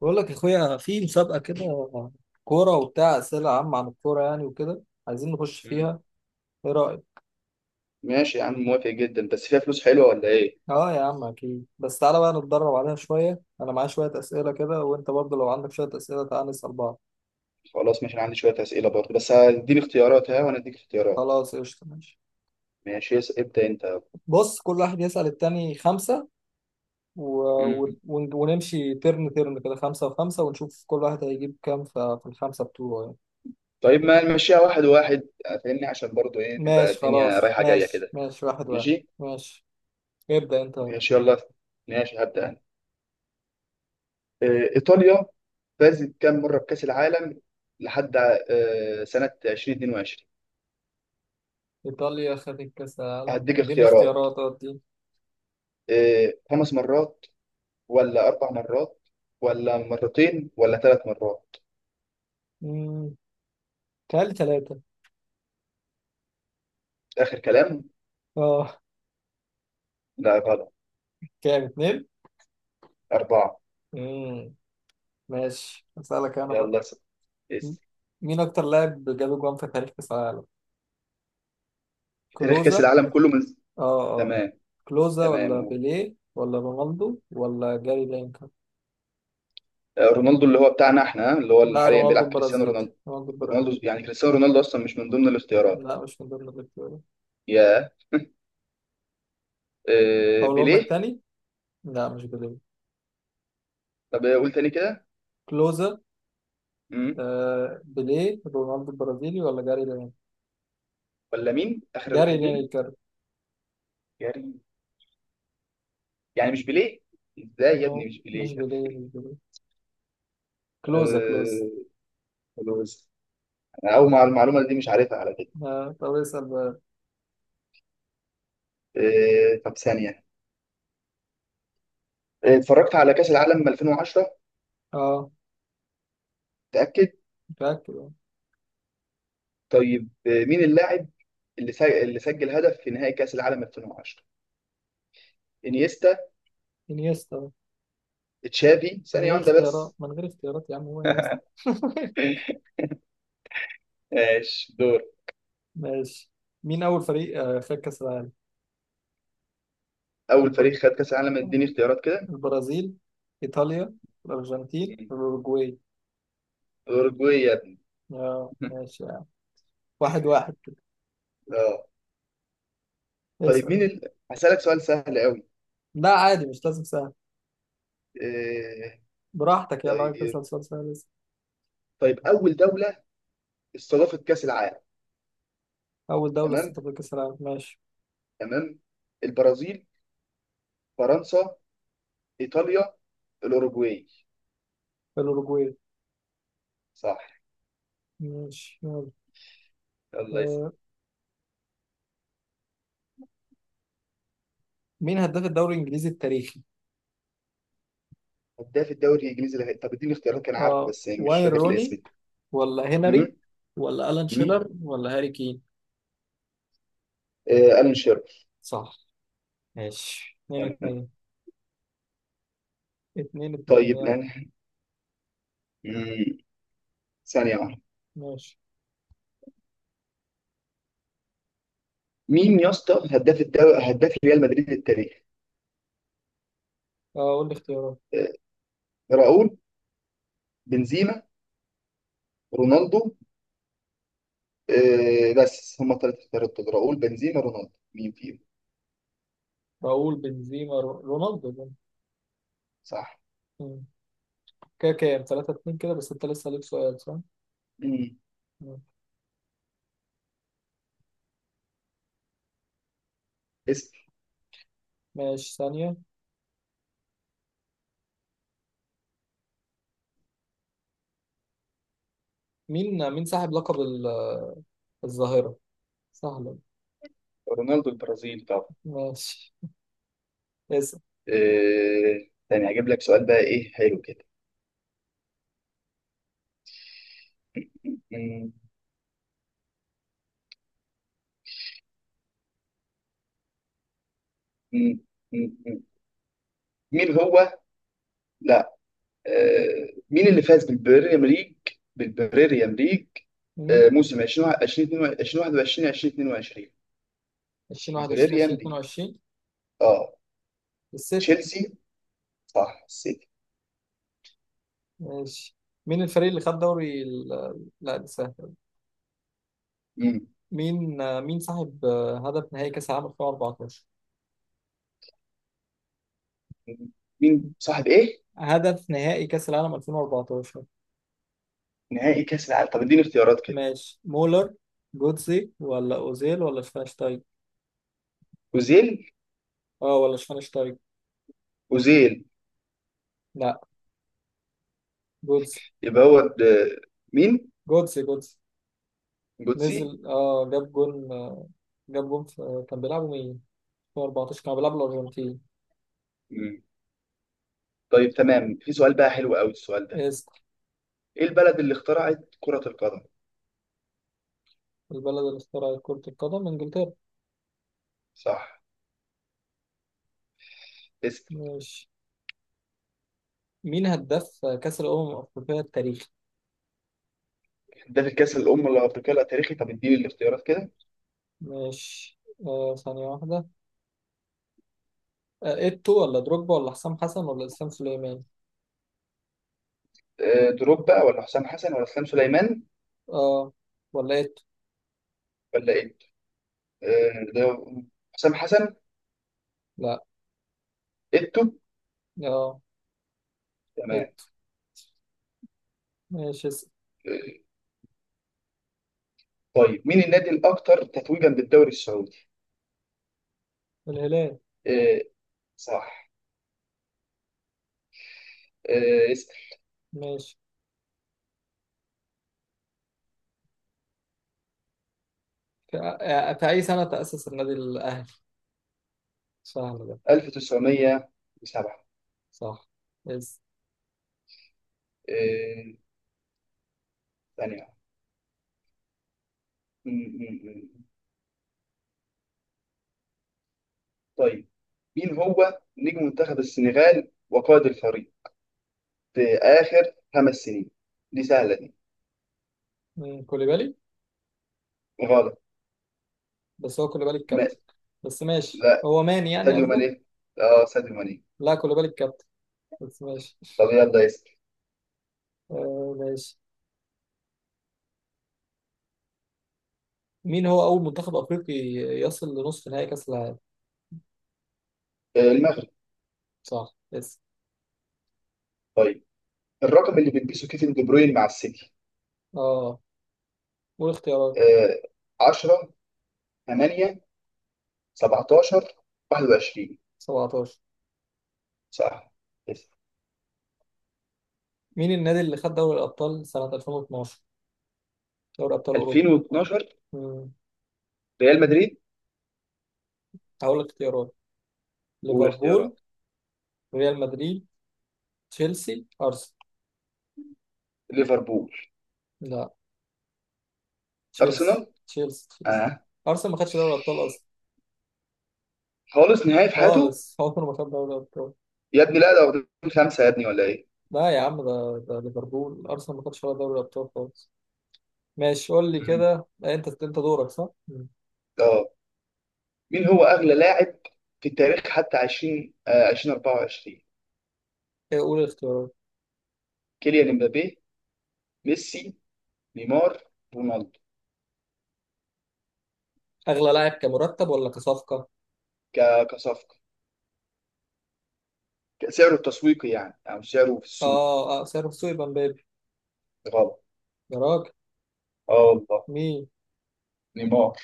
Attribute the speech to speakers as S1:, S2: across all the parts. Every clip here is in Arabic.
S1: بقول لك يا اخويا في مسابقه كده، كوره وبتاع اسئله عامه عن الكوره يعني، وكده عايزين نخش
S2: مم.
S1: فيها. ايه رايك؟
S2: ماشي يا عم، موافق جدا، بس فيها فلوس حلوه ولا ايه؟
S1: اه يا عم، اكيد. بس تعالى بقى نتدرب عليها شويه، انا معايا شويه اسئله كده، وانت برضه لو عندك شويه اسئله تعالى نسال بعض.
S2: خلاص، ماشي، انا عندي شويه اسئله برضه، بس هديني اختيارات، ها، وانا اديك اختيارات.
S1: خلاص قشطه، ماشي.
S2: ماشي. ابدا انت.
S1: بص، كل واحد يسال التاني خمسه و...
S2: مم.
S1: ونمشي ترن ترن كده، خمسه وخمسه، ونشوف كل واحد هيجيب كام في الخمسه بتوعه يعني.
S2: طيب، ما نمشيها واحد واحد، فاهمني؟ عشان برضه ايه، تبقى
S1: ماشي
S2: الدنيا
S1: خلاص،
S2: رايحه جايه
S1: ماشي
S2: كده.
S1: ماشي، واحد واحد.
S2: ماشي
S1: ماشي، ابدا انت.
S2: ماشي يلا. ماشي، هبدا انا. ايطاليا فازت كام مره بكاس العالم لحد سنه 2022؟
S1: إيطاليا خدت كأس العالم،
S2: هديك
S1: اديني
S2: اختيارات.
S1: اختيارات، ادي.
S2: خمس مرات، ولا اربع مرات، ولا مرتين، ولا ثلاث مرات؟
S1: امم تعالي ثلاثة.
S2: اخر كلام.
S1: اه.
S2: لا، غلط.
S1: كام؟ اتنين.
S2: أربعة.
S1: امم ماشي، أسألك أنا بقى.
S2: يلا س-
S1: م-
S2: اس
S1: مين أكتر لاعب جاب جوان في تاريخ كأس العالم؟
S2: في تاريخ
S1: كلوزا.
S2: كأس العالم كله، من...
S1: اه اه.
S2: تمام.
S1: كلوزا
S2: تمام،
S1: ولا
S2: قول.
S1: بيليه ولا رونالدو ولا جاري لينكر؟
S2: رونالدو، اللي هو بتاعنا احنا، اللي هو اللي
S1: لا،
S2: حاليا
S1: رونالدو
S2: بيلعب، كريستيانو
S1: البرازيلي،
S2: رونالدو.
S1: رونالدو البرازيلي.
S2: رونالدو يعني كريستيانو رونالدو أصلا مش من ضمن الاختيارات.
S1: لا، مش من ضمن الاختيارات.
S2: يا
S1: أقولهم لك
S2: بيليه.
S1: تاني؟ لا، مش بيليه،
S2: طب قول تاني كده.
S1: كلوزا.
S2: مم.
S1: آه، بيليه، رونالدو البرازيلي ولا جاري لينكر؟
S2: ولا مين آخر
S1: جاري
S2: واحد، مين؟
S1: لينكر.
S2: كريم. يعني مش بيليه؟ ازاي يا
S1: نو،
S2: ابني مش
S1: مش
S2: بيليه؟
S1: بيليه، مش بيليه، كلوزا كلوز.
S2: آه، خلاص. أنا أول مع المعلومة دي، مش عارفها على فكرة.
S1: آه، طب اسأل بقى.
S2: طب ثانية. اتفرجت على كأس العالم 2010.
S1: اه،
S2: متأكد.
S1: متأكد آه.
S2: طيب، مين اللاعب اللي سجل هدف في نهائي كأس العالم 2010؟ انيستا.
S1: انيستا،
S2: تشافي.
S1: من
S2: ثانية
S1: غير
S2: واحدة
S1: اختيارات،
S2: بس.
S1: من غير اختيارات يا عم، هو انيستا.
S2: ماشي، دور.
S1: ماشي، مين أول فريق خد كأس العالم؟
S2: اول
S1: الب...
S2: فريق خد كأس العالم؟ اديني اختيارات كده.
S1: البرازيل، إيطاليا، الأرجنتين، الأوروجواي.
S2: اوروجواي يا ابني.
S1: اه ماشي يعني. واحد واحد كده.
S2: اه. طيب، مين
S1: اسأل.
S2: ال... هسألك سؤال سهل قوي.
S1: لا عادي، مش لازم سهل.
S2: آه...
S1: براحتك يعني، لو عايز
S2: طيب.
S1: تسأل سؤال سهل اسأل.
S2: طيب، اول دولة استضافت كأس العالم.
S1: أول دولة
S2: تمام.
S1: استضافت كأس العالم، ماشي.
S2: تمام. البرازيل. فرنسا. ايطاليا. الاوروجواي.
S1: الأوروجواي.
S2: صح.
S1: ماشي، يلا.
S2: الله يسلمك.
S1: آه، مين هداف الدوري الإنجليزي التاريخي؟
S2: هداف الدوري الانجليزي طب اديني اختيارات، كان عارفه
S1: اه،
S2: بس مش
S1: واين
S2: فاكر
S1: روني
S2: الاسم.
S1: ولا
S2: مم.
S1: هنري ولا ألان
S2: مم.
S1: شيلر ولا هاري كين.
S2: آه، ألان شيرر.
S1: صح. ماشي، اتنين
S2: تمام.
S1: اتنين. اتنين اتنين
S2: طيب
S1: يعني.
S2: مم. ثانية واحدة.
S1: ماشي،
S2: مين يا اسطى هداف الدوري، هداف ريال مدريد التاريخ؟
S1: اه، قول لي اختيارات.
S2: آه، راؤول. بنزيما. رونالدو. بس هم الثلاثة اختيارات دول، راؤول، بنزيما، رونالدو، مين فيهم؟
S1: راؤول، بنزيما، رونالدو ده.
S2: صح.
S1: مم. كده كام؟ تلاتة اتنين كده. بس انت لسه ليك سؤال صح؟
S2: مم.
S1: مم.
S2: اسم.
S1: ماشي ثانية. مين صاحب لقب الظاهرة؟ سهلة.
S2: رونالدو البرازيلي طبعا.
S1: ماشي، اسأل.
S2: تاني هجيب لك سؤال بقى، ايه؟ حلو كده. مم. مم. مم. مم. مين هو، مين اللي فاز بالبريمير ليج، بالبريمير ليج
S1: مم.
S2: موسم 20 2021 2022؟ البريمير
S1: 2021
S2: ليج.
S1: 2022.
S2: اه.
S1: السيتي.
S2: تشيلسي. صح، السيتي.
S1: ماشي، مين الفريق اللي خد دوري لا، ده سهل.
S2: مم.
S1: مين صاحب هدف نهائي كأس العالم 2014؟
S2: مين صاحب ايه؟
S1: هدف نهائي كأس العالم 2014.
S2: نهائي كاس العالم، طب اديني اختيارات كده.
S1: ماشي، مولر، جوتزي ولا أوزيل ولا شفاينشتايج؟
S2: اوزيل.
S1: اه، ولا شفاينشتايج.
S2: اوزيل.
S1: لا، جوتزي
S2: يبقى هو د- مين؟
S1: جوتزي جوتزي.
S2: جوتسي.
S1: نزل جاب جون، في كان بيلعبوا مين؟ 2014 كانوا بيلعبوا الأرجنتين.
S2: مم. طيب تمام، في سؤال بقى حلو قوي السؤال ده.
S1: اسم.
S2: ايه البلد اللي اخترعت كرة القدم؟
S1: البلد اللي اخترعت كرة القدم إنجلترا.
S2: صح. اسم.
S1: ماشي، مين هداف كأس الأمم الأفريقية التاريخي؟
S2: ده في الكاس الأمم الأفريقية التاريخي، طب اديني الاختيارات كده.
S1: ماشي، ثانية واحدة. ايتو ولا دروجبا ولا حسام حسن ولا اسلام سليمان؟
S2: دروب بقى، ولا حسام حسن، ولا اسلام سليمان،
S1: اه، ولا ايتو؟
S2: ولا ايه؟ ده حسام حسن.
S1: لا،
S2: ايتو.
S1: اه،
S2: تمام.
S1: ايتو. ماشي، اسم.
S2: آه، طيب، مين النادي الاكثر تتويجا بالدوري السعودي؟
S1: الهلال.
S2: آه، صح. اسال.
S1: ماشي، في اي سنة تأسس النادي الاهلي؟ سهل ده.
S2: 1907.
S1: صح، يس.
S2: آه، ثانية. م- م- م. طيب، مين هو نجم منتخب السنغال وقائد الفريق في آخر 5 سنين؟ دي سهلة دي.
S1: كوليبالي.
S2: غلط.
S1: بس هو كوليبالي
S2: ما...
S1: الكابتن. بس ماشي،
S2: لا.
S1: هو ماني يعني
S2: ساديو
S1: قصدك.
S2: ماني. اه، ساديو ماني.
S1: لا، كوليبالي الكابتن. بس ماشي.
S2: طب يلا اسال.
S1: ماشي، مين هو اول منتخب افريقي يصل لنصف نهائي كاس العالم؟
S2: المغرب.
S1: صح، يس.
S2: طيب، الرقم اللي بيلبسه كيفن دي بروين مع السيتي.
S1: اه، والاختيارات.
S2: آه 10، 8، 17، 21.
S1: 17.
S2: صح. يس.
S1: مين النادي اللي خد دوري الأبطال سنة 2012؟ دوري أبطال أوروبا.
S2: 2012.
S1: مم.
S2: ريال مدريد.
S1: هقول لك اختيارات. ليفربول،
S2: والاختيارات؟
S1: ريال مدريد، تشيلسي، أرسنال.
S2: ليفربول.
S1: لا،
S2: ارسنال.
S1: تشيلسي تشيلسي تشيلسي.
S2: اه،
S1: أرسنال ما خدش دوري الأبطال أصلا
S2: خالص، نهائي في حياته.
S1: خالص. عمره ما خد دوري الأبطال.
S2: يا ابني لا، ده واخدين خمسه يا ابني ولا ايه؟
S1: لا يا عم، ده ليفربول. أرسنال ما خدش ولا دوري الأبطال خالص. ماشي، قول لي
S2: مم.
S1: كده. أنت دورك صح؟ مم.
S2: اه. مين هو اغلى لاعب في التاريخ حتى 20 آه 2024؟
S1: إيه، قول الاختيارات.
S2: كيليان امبابي. ميسي. نيمار. رونالدو.
S1: أغلى لاعب كمرتب ولا كصفقة؟
S2: كصفقه. سعره التسويقي يعني، او سعره في السوق.
S1: آه آه، سعره في السوق يبقى مبابي.
S2: غلط.
S1: يا راجل.
S2: اه والله.
S1: مين؟
S2: نيمار.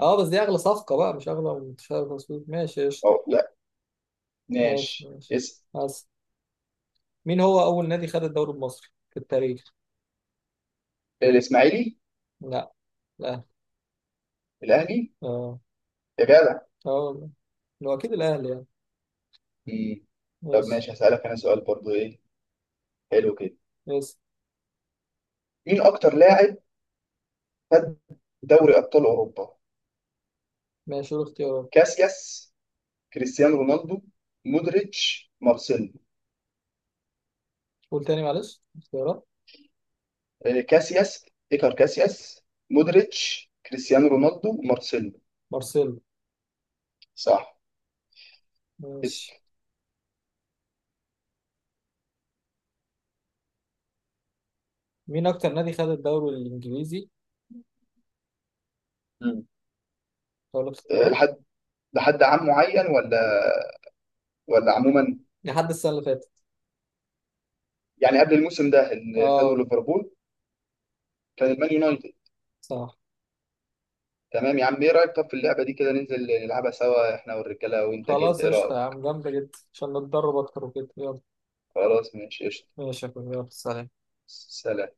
S1: اه، بس دي اغلى صفقة بقى، مش اغلى من تشابي الونسو. ماشي قشطة.
S2: أو لا.
S1: ماشي
S2: ماشي.
S1: ماشي، بس. مين هو اول نادي خد الدوري المصري في التاريخ؟
S2: الإسماعيلي.
S1: لا، الاهلي.
S2: الأهلي.
S1: اه
S2: يا جدع.
S1: اه والله. هو اكيد الاهلي يعني.
S2: مم. طب
S1: ماشي
S2: ماشي، هسألك أنا سؤال برضو، إيه؟ حلو كده.
S1: بس.
S2: مين أكتر لاعب خد دوري أبطال أوروبا؟
S1: ماشي، قول اختيارات.
S2: كاسياس. كريستيانو رونالدو. مودريتش. مارسيلو.
S1: قول تاني معلش اختيارات.
S2: كاسياس. إيكار كاسياس. مودريتش، كريستيانو رونالدو، مارسيلو.
S1: مارسيلو.
S2: صح.
S1: ماشي،
S2: اسأل.
S1: مين اكتر نادي خد الدوري الانجليزي؟
S2: مم.
S1: اقول لك
S2: آه،
S1: اختيارات؟
S2: لحد لحد عام معين، ولا عموما؟
S1: لحد السنة اللي فاتت.
S2: يعني قبل الموسم ده اللي خده
S1: اه،
S2: ليفربول. كان المان يونايتد.
S1: صح.
S2: تمام يا عم، ايه رايك؟ طب في اللعبه دي كده، ننزل نلعبها سوا، احنا والرجاله وانت كده،
S1: خلاص
S2: ايه
S1: قشطة يا
S2: رايك؟
S1: عم، جامدة جدا عشان نتدرب اكتر وكده، يلا.
S2: خلاص، ماشي قشطه.
S1: ماشي يا أخوي، يلا، سلام.
S2: سلام